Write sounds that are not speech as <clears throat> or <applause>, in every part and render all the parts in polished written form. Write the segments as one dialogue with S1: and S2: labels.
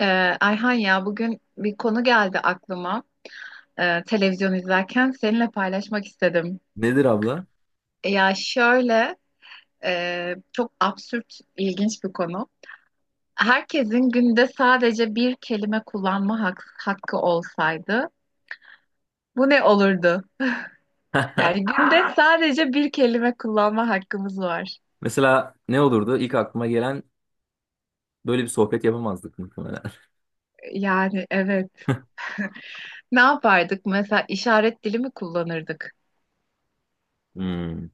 S1: Ee, Ayhan ya bugün bir konu geldi aklıma. Televizyon izlerken seninle paylaşmak istedim.
S2: Nedir abla?
S1: Ya şöyle, çok absürt ilginç bir konu. Herkesin günde sadece bir kelime kullanma hakkı olsaydı bu ne olurdu? Yani
S2: <laughs>
S1: günde sadece bir kelime kullanma hakkımız var.
S2: Mesela ne olurdu? İlk aklıma gelen böyle bir sohbet yapamazdık muhtemelen.
S1: Yani evet. Ne yapardık? Mesela işaret dili mi kullanırdık?
S2: Hmm.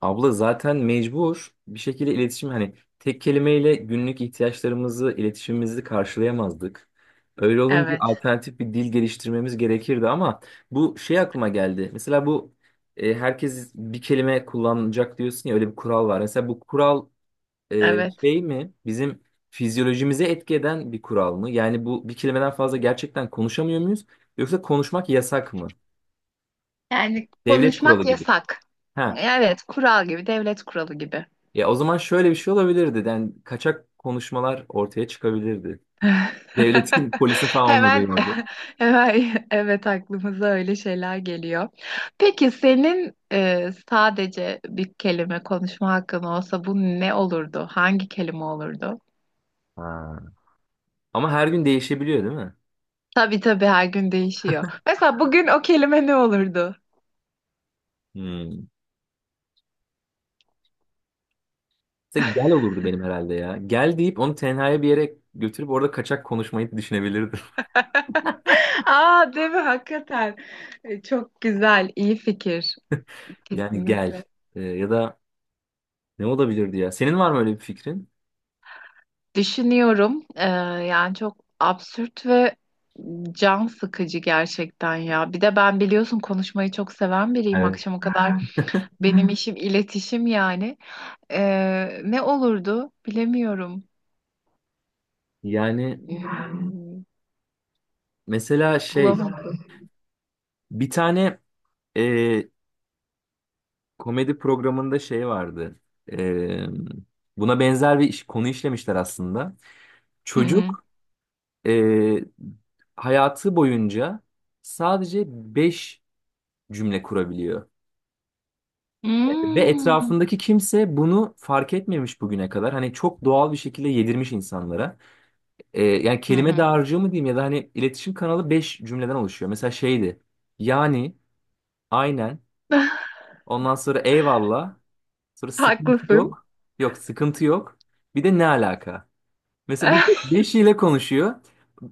S2: Abla zaten mecbur bir şekilde iletişim hani tek kelimeyle günlük ihtiyaçlarımızı, iletişimimizi karşılayamazdık. Öyle olunca
S1: Evet,
S2: alternatif bir dil geliştirmemiz gerekirdi ama bu şey aklıma geldi. Mesela bu herkes bir kelime kullanacak diyorsun ya öyle bir kural var. Mesela bu kural
S1: evet.
S2: şey mi bizim fizyolojimize etki eden bir kural mı? Yani bu bir kelimeden fazla gerçekten konuşamıyor muyuz? Yoksa konuşmak yasak mı?
S1: Yani
S2: Devlet kuralı
S1: konuşmak
S2: gibi.
S1: yasak.
S2: Ha.
S1: Evet, kural gibi, devlet kuralı gibi.
S2: Ya o zaman şöyle bir şey olabilirdi. Yani kaçak konuşmalar ortaya çıkabilirdi.
S1: <laughs>
S2: Devletin <laughs> polisi falan olmadığı
S1: Hemen,
S2: yerde.
S1: <laughs> hemen evet aklımıza öyle şeyler geliyor. Peki senin sadece bir kelime konuşma hakkın olsa bu ne olurdu? Hangi kelime olurdu?
S2: Ha. Ama her gün değişebiliyor değil mi?
S1: Tabii tabii her gün değişiyor. Mesela bugün o kelime ne olurdu?
S2: Hmm. Mesela gel olurdu benim herhalde ya. Gel deyip onu tenhaya bir yere götürüp orada kaçak konuşmayı düşünebilirdim. <laughs>
S1: <laughs> Aa, değil mi? Hakikaten. E, çok güzel, iyi fikir.
S2: Yani gel.
S1: Kesinlikle.
S2: Ya da ne olabilirdi ya? Senin var mı öyle bir fikrin?
S1: Düşünüyorum. Yani çok absürt ve can sıkıcı gerçekten ya. Bir de ben biliyorsun konuşmayı çok seven biriyim. Akşama kadar. Ha, benim işim iletişim yani. Ne olurdu bilemiyorum.
S2: Yani
S1: Hmm,
S2: mesela şey
S1: bulamadım.
S2: bir tane e, komedi programında şey vardı. E, buna benzer bir iş, konu işlemişler aslında.
S1: Hı hı.
S2: Çocuk e, hayatı boyunca sadece 5 cümle kurabiliyor. Ve
S1: Hmm,
S2: etrafındaki kimse bunu fark etmemiş bugüne kadar. Hani çok doğal bir şekilde yedirmiş insanlara. Yani
S1: hı
S2: kelime
S1: hı.
S2: dağarcığı mı diyeyim ya da hani iletişim kanalı 5 cümleden oluşuyor. Mesela şeydi. Yani, aynen.
S1: <laughs>
S2: Ondan sonra eyvallah. Sonra sıkıntı
S1: Haklısın.
S2: yok. Yok sıkıntı yok. Bir de ne alaka? Mesela bu
S1: <laughs>
S2: beşiyle konuşuyor.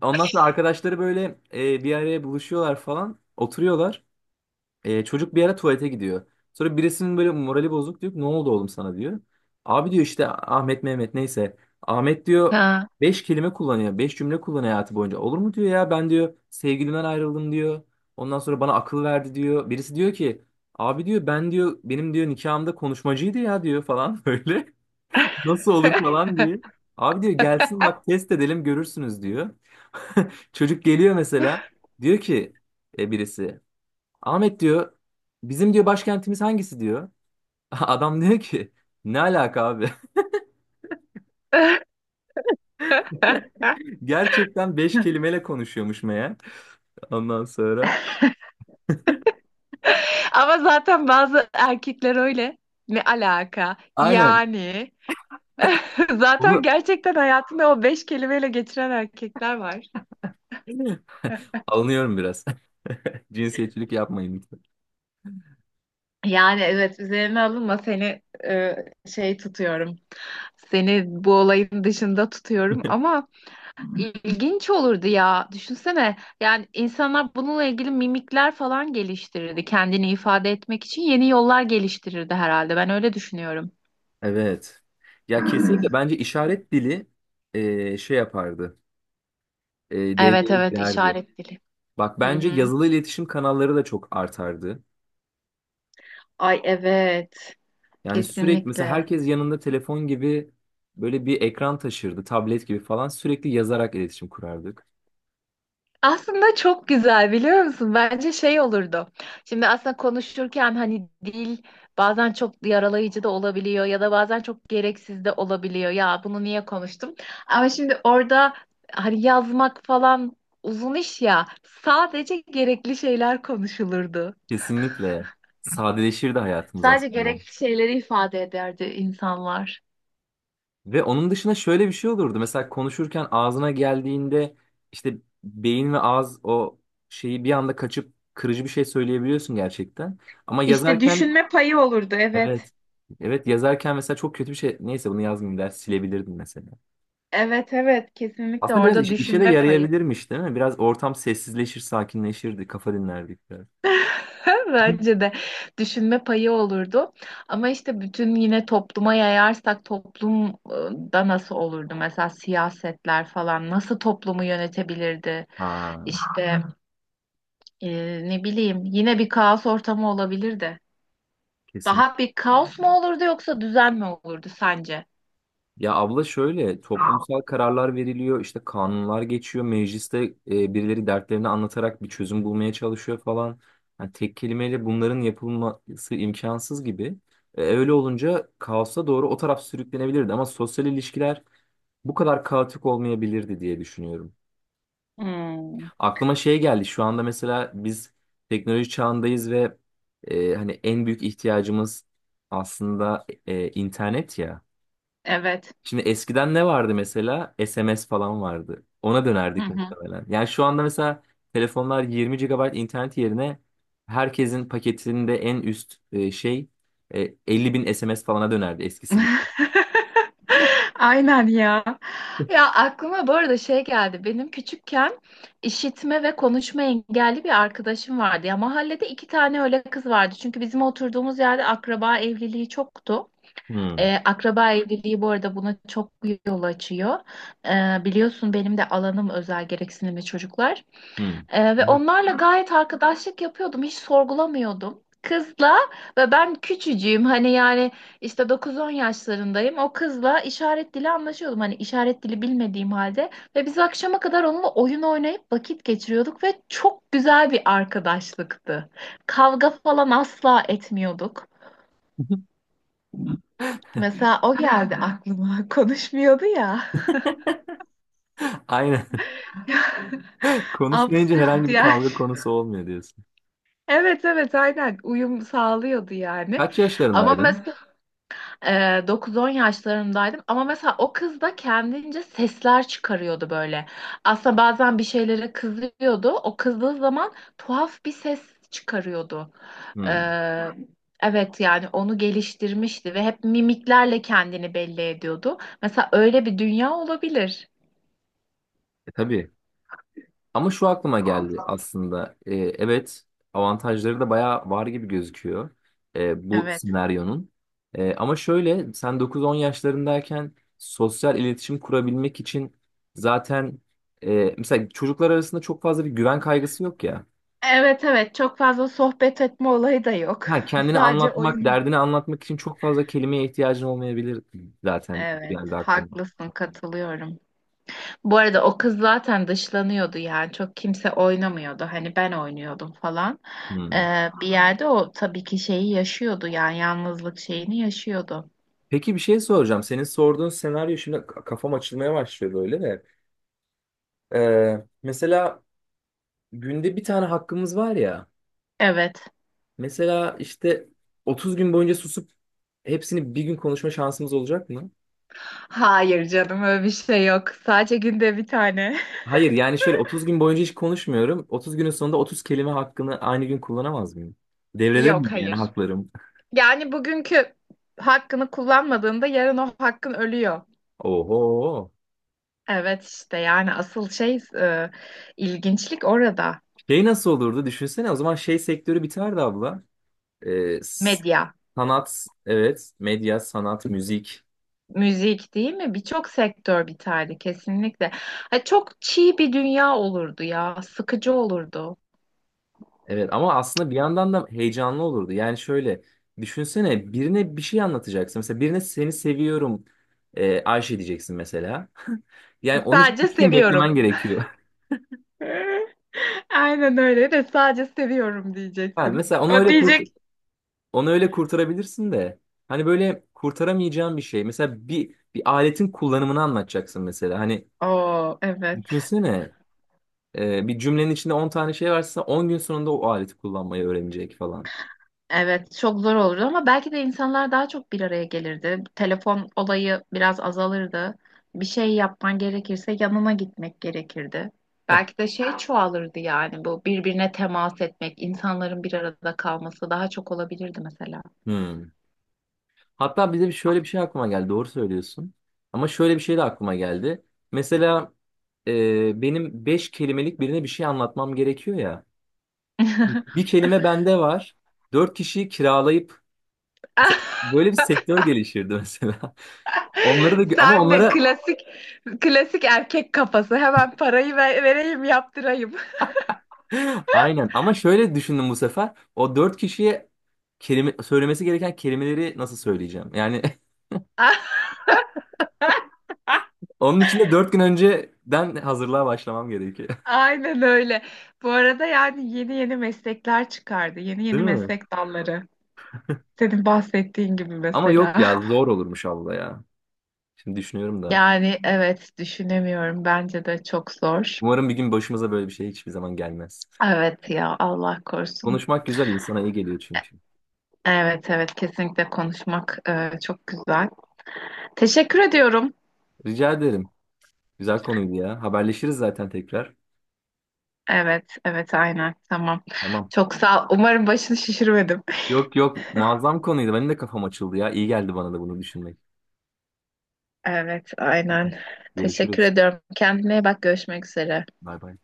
S2: Ondan sonra arkadaşları böyle bir araya buluşuyorlar falan. Oturuyorlar. Çocuk bir ara tuvalete gidiyor. Sonra birisinin böyle morali bozuk, diyor ki ne oldu oğlum sana diyor. Abi diyor işte Ahmet Mehmet neyse. Ahmet diyor
S1: Ha.
S2: beş kelime kullanıyor. Beş cümle kullanıyor hayatı boyunca. Olur mu diyor ya ben diyor sevgilimden ayrıldım diyor. Ondan sonra bana akıl verdi diyor. Birisi diyor ki abi diyor ben diyor benim diyor nikahımda konuşmacıydı ya diyor falan <laughs> böyle. Nasıl olur falan
S1: <laughs>
S2: diye. Abi diyor gelsin bak test edelim görürsünüz diyor. <laughs> Çocuk geliyor mesela. Diyor ki birisi. Ahmet diyor bizim diyor başkentimiz hangisi diyor. <laughs> Adam diyor ki ne alaka abi? <laughs> Gerçekten beş kelimeyle konuşuyormuş meğer. Ondan sonra,
S1: Ama zaten bazı erkekler öyle. Ne alaka?
S2: aynen,
S1: Yani. <laughs> Zaten
S2: bunu
S1: gerçekten hayatında o beş kelimeyle geçiren erkekler var.
S2: <clears throat> alınıyorum biraz. <laughs> Cinsiyetçilik yapmayın lütfen.
S1: Yani evet, üzerine alınma, seni şey tutuyorum. Seni bu olayın dışında tutuyorum ama ilginç olurdu ya. Düşünsene, yani insanlar bununla ilgili mimikler falan geliştirirdi. Kendini ifade etmek için yeni yollar geliştirirdi herhalde. Ben öyle düşünüyorum.
S2: Evet. Ya kesinlikle bence işaret dili şey yapardı. E,
S1: Evet
S2: devreye
S1: evet,
S2: girerdi.
S1: işaret dili.
S2: Bak
S1: Hı
S2: bence
S1: hı.
S2: yazılı iletişim kanalları da çok artardı.
S1: Ay evet,
S2: Yani sürekli mesela
S1: kesinlikle.
S2: herkes yanında telefon gibi böyle bir ekran taşırdı, tablet gibi falan sürekli yazarak iletişim kurardık.
S1: Aslında çok güzel, biliyor musun? Bence şey olurdu. Şimdi aslında konuşurken hani dil bazen çok yaralayıcı da olabiliyor ya da bazen çok gereksiz de olabiliyor. Ya bunu niye konuştum? Ama şimdi orada hani yazmak falan uzun iş ya. Sadece gerekli şeyler konuşulurdu.
S2: Kesinlikle sadeleşirdi hayatımız
S1: Sadece
S2: aslında.
S1: gerekli şeyleri ifade ederdi insanlar.
S2: Ve onun dışında şöyle bir şey olurdu. Mesela konuşurken ağzına geldiğinde işte beyin ve ağız o şeyi bir anda kaçıp kırıcı bir şey söyleyebiliyorsun gerçekten. Ama
S1: İşte
S2: yazarken
S1: düşünme payı olurdu,
S2: evet.
S1: evet.
S2: Evet, yazarken mesela çok kötü bir şey. Neyse, bunu yazmayayım der silebilirdim mesela.
S1: Evet evet, kesinlikle
S2: Aslında biraz
S1: orada
S2: işe de
S1: düşünme payı.
S2: yarayabilirmiş değil mi? Biraz ortam sessizleşir, sakinleşirdi, kafa dinlerdik biraz.
S1: <laughs>
S2: Hı.
S1: Bence de düşünme payı olurdu. Ama işte bütün yine topluma yayarsak toplumda nasıl olurdu? Mesela siyasetler falan nasıl toplumu yönetebilirdi?
S2: Ha,
S1: İşte, e, ne bileyim, yine bir kaos ortamı olabilirdi. Daha
S2: kesinlikle.
S1: bir kaos mu olurdu yoksa düzen mi olurdu sence?
S2: Ya abla şöyle toplumsal kararlar veriliyor, işte kanunlar geçiyor, mecliste birileri dertlerini anlatarak bir çözüm bulmaya çalışıyor falan. Yani tek kelimeyle bunların yapılması imkansız gibi. Öyle olunca kaosa doğru o taraf sürüklenebilirdi ama sosyal ilişkiler bu kadar kaotik olmayabilirdi diye düşünüyorum.
S1: Hmm.
S2: Aklıma şey geldi. Şu anda mesela biz teknoloji çağındayız ve hani en büyük ihtiyacımız aslında internet ya.
S1: Evet.
S2: Şimdi eskiden ne vardı mesela? SMS falan vardı. Ona dönerdik
S1: <laughs>
S2: muhtemelen. Yani şu anda mesela telefonlar 20 gigabayt internet yerine herkesin paketinde en üst şey 50 bin SMS falana dönerdi eskisi gibi.
S1: <laughs> Aynen ya. Ya aklıma bu arada şey geldi. Benim küçükken işitme ve konuşma engelli bir arkadaşım vardı. Ya mahallede iki tane öyle kız vardı. Çünkü bizim oturduğumuz yerde akraba evliliği çoktu.
S2: Hmm,
S1: Akraba evliliği bu arada buna çok yol açıyor. Biliyorsun benim de alanım özel gereksinimli çocuklar.
S2: hmm.
S1: Ve onlarla gayet arkadaşlık yapıyordum. Hiç sorgulamıyordum. Kızla ve ben küçücüğüm, hani yani işte dokuz-on yaşlarındayım. O kızla işaret dili anlaşıyordum. Hani işaret dili bilmediğim halde. Ve biz akşama kadar onunla oyun oynayıp vakit geçiriyorduk ve çok güzel bir arkadaşlıktı. Kavga falan asla etmiyorduk.
S2: <laughs>
S1: Mesela o geldi aklıma. <laughs> Konuşmuyordu ya.
S2: Aynen. <laughs> Konuşmayınca
S1: Absürt
S2: herhangi bir
S1: yani.
S2: kavga
S1: <laughs>
S2: konusu olmuyor.
S1: Evet evet aynen, uyum sağlıyordu yani.
S2: Kaç
S1: Ama
S2: yaşlarındaydın?
S1: mesela Ee, 9-10 yaşlarındaydım ama mesela o kız da kendince sesler çıkarıyordu böyle. Aslında bazen bir şeylere kızıyordu. O kızdığı zaman tuhaf bir ses çıkarıyordu.
S2: Hmm.
S1: Ee, evet, yani onu geliştirmişti ve hep mimiklerle kendini belli ediyordu. Mesela öyle bir dünya olabilir.
S2: Tabii. Ama şu aklıma geldi aslında. Evet, avantajları da bayağı var gibi gözüküyor bu
S1: Evet.
S2: senaryonun. Ama şöyle, sen 9-10 yaşlarındayken sosyal iletişim kurabilmek için zaten mesela çocuklar arasında çok fazla bir güven kaygısı yok ya.
S1: Evet evet, çok fazla sohbet etme olayı da yok.
S2: Ha,
S1: <laughs>
S2: kendini
S1: Sadece
S2: anlatmak,
S1: oyun.
S2: derdini anlatmak için çok fazla kelimeye ihtiyacın olmayabilir, zaten
S1: Evet
S2: geldi aklıma.
S1: haklısın, katılıyorum. Bu arada o kız zaten dışlanıyordu yani çok kimse oynamıyordu, hani ben oynuyordum falan.
S2: Hmm.
S1: Bir yerde o tabii ki şeyi yaşıyordu yani yalnızlık şeyini yaşıyordu.
S2: Peki, bir şey soracağım. Senin sorduğun senaryo şimdi kafam açılmaya başlıyor böyle de. Mesela günde bir tane hakkımız var ya.
S1: Evet.
S2: Mesela işte 30 gün boyunca susup hepsini bir gün konuşma şansımız olacak mı?
S1: Hayır canım, öyle bir şey yok. Sadece günde bir tane.
S2: Hayır yani şöyle, 30 gün boyunca hiç konuşmuyorum. 30 günün sonunda 30 kelime hakkını aynı gün kullanamaz mıyım?
S1: <laughs>
S2: Devrede miyim
S1: Yok
S2: yani
S1: hayır.
S2: haklarım?
S1: Yani bugünkü hakkını kullanmadığında yarın o hakkın ölüyor.
S2: Oho.
S1: Evet işte, yani asıl şey, ilginçlik orada.
S2: Şey nasıl olurdu düşünsene, o zaman şey sektörü biterdi abla. Ee, s-
S1: Medya.
S2: sanat, evet, medya, sanat, müzik.
S1: Müzik değil mi? Birçok sektör biterdi kesinlikle. Ha, çok çiğ bir dünya olurdu ya. Sıkıcı olurdu.
S2: Evet, ama aslında bir yandan da heyecanlı olurdu. Yani şöyle, düşünsene birine bir şey anlatacaksın. Mesela birine seni seviyorum Ayşe diyeceksin mesela. <laughs> Yani onun için
S1: Sadece
S2: 3 gün
S1: seviyorum.
S2: beklemen gerekiyor. <laughs>
S1: <laughs> Aynen öyle, de sadece seviyorum
S2: Ha,
S1: diyeceksin.
S2: mesela
S1: O diyecek.
S2: onu öyle kurtarabilirsin de. Hani böyle kurtaramayacağın bir şey. Mesela bir aletin kullanımını anlatacaksın mesela. Hani
S1: Oo evet.
S2: düşünsene bir cümlenin içinde 10 tane şey varsa 10 gün sonunda o aleti kullanmayı öğrenecek falan.
S1: Evet çok zor olurdu ama belki de insanlar daha çok bir araya gelirdi. Telefon olayı biraz azalırdı. Bir şey yapman gerekirse yanına gitmek gerekirdi.
S2: <laughs>
S1: Belki de şey çoğalırdı yani bu birbirine temas etmek, insanların bir arada kalması daha çok olabilirdi mesela.
S2: Hmm. Hatta bize bir şöyle bir şey aklıma geldi. Doğru söylüyorsun. Ama şöyle bir şey de aklıma geldi. Mesela benim beş kelimelik birine bir şey anlatmam gerekiyor ya. Bir
S1: <laughs>
S2: kelime bende var. Dört kişiyi kiralayıp mesela böyle bir sektör gelişirdi mesela. <laughs> Onları da ama
S1: Sen de
S2: onlara
S1: klasik erkek kafası. Hemen parayı vereyim, yaptırayım.
S2: <laughs> aynen, ama şöyle düşündüm bu sefer. O dört kişiye kelime söylemesi gereken kelimeleri nasıl söyleyeceğim? Yani
S1: <laughs>
S2: <laughs> onun için de 4 gün önceden hazırlığa başlamam gerekiyor. <laughs>
S1: Aynen öyle. Bu arada yani yeni yeni meslekler çıkardı. Yeni
S2: Değil
S1: yeni
S2: mi?
S1: meslek dalları. Senin bahsettiğin gibi
S2: Ama yok
S1: mesela.
S2: ya,
S1: <laughs>
S2: zor olurmuş abla ya. Şimdi düşünüyorum da.
S1: Yani evet, düşünemiyorum. Bence de çok zor.
S2: Umarım bir gün başımıza böyle bir şey hiçbir zaman gelmez.
S1: Evet ya, Allah korusun.
S2: Konuşmak güzel, insana iyi geliyor çünkü.
S1: Evet evet, kesinlikle konuşmak çok güzel. Teşekkür ediyorum.
S2: Rica ederim. Güzel konuydu ya. Haberleşiriz zaten tekrar.
S1: Evet, evet aynen. Tamam.
S2: Tamam.
S1: Çok sağ ol. Umarım başını şişirmedim.
S2: Yok yok, muazzam konuydu. Benim de kafam açıldı ya. İyi geldi bana da bunu düşünmek.
S1: Evet, aynen. Teşekkür
S2: Görüşürüz.
S1: ediyorum. Kendine iyi bak. Görüşmek üzere.
S2: Bay bay.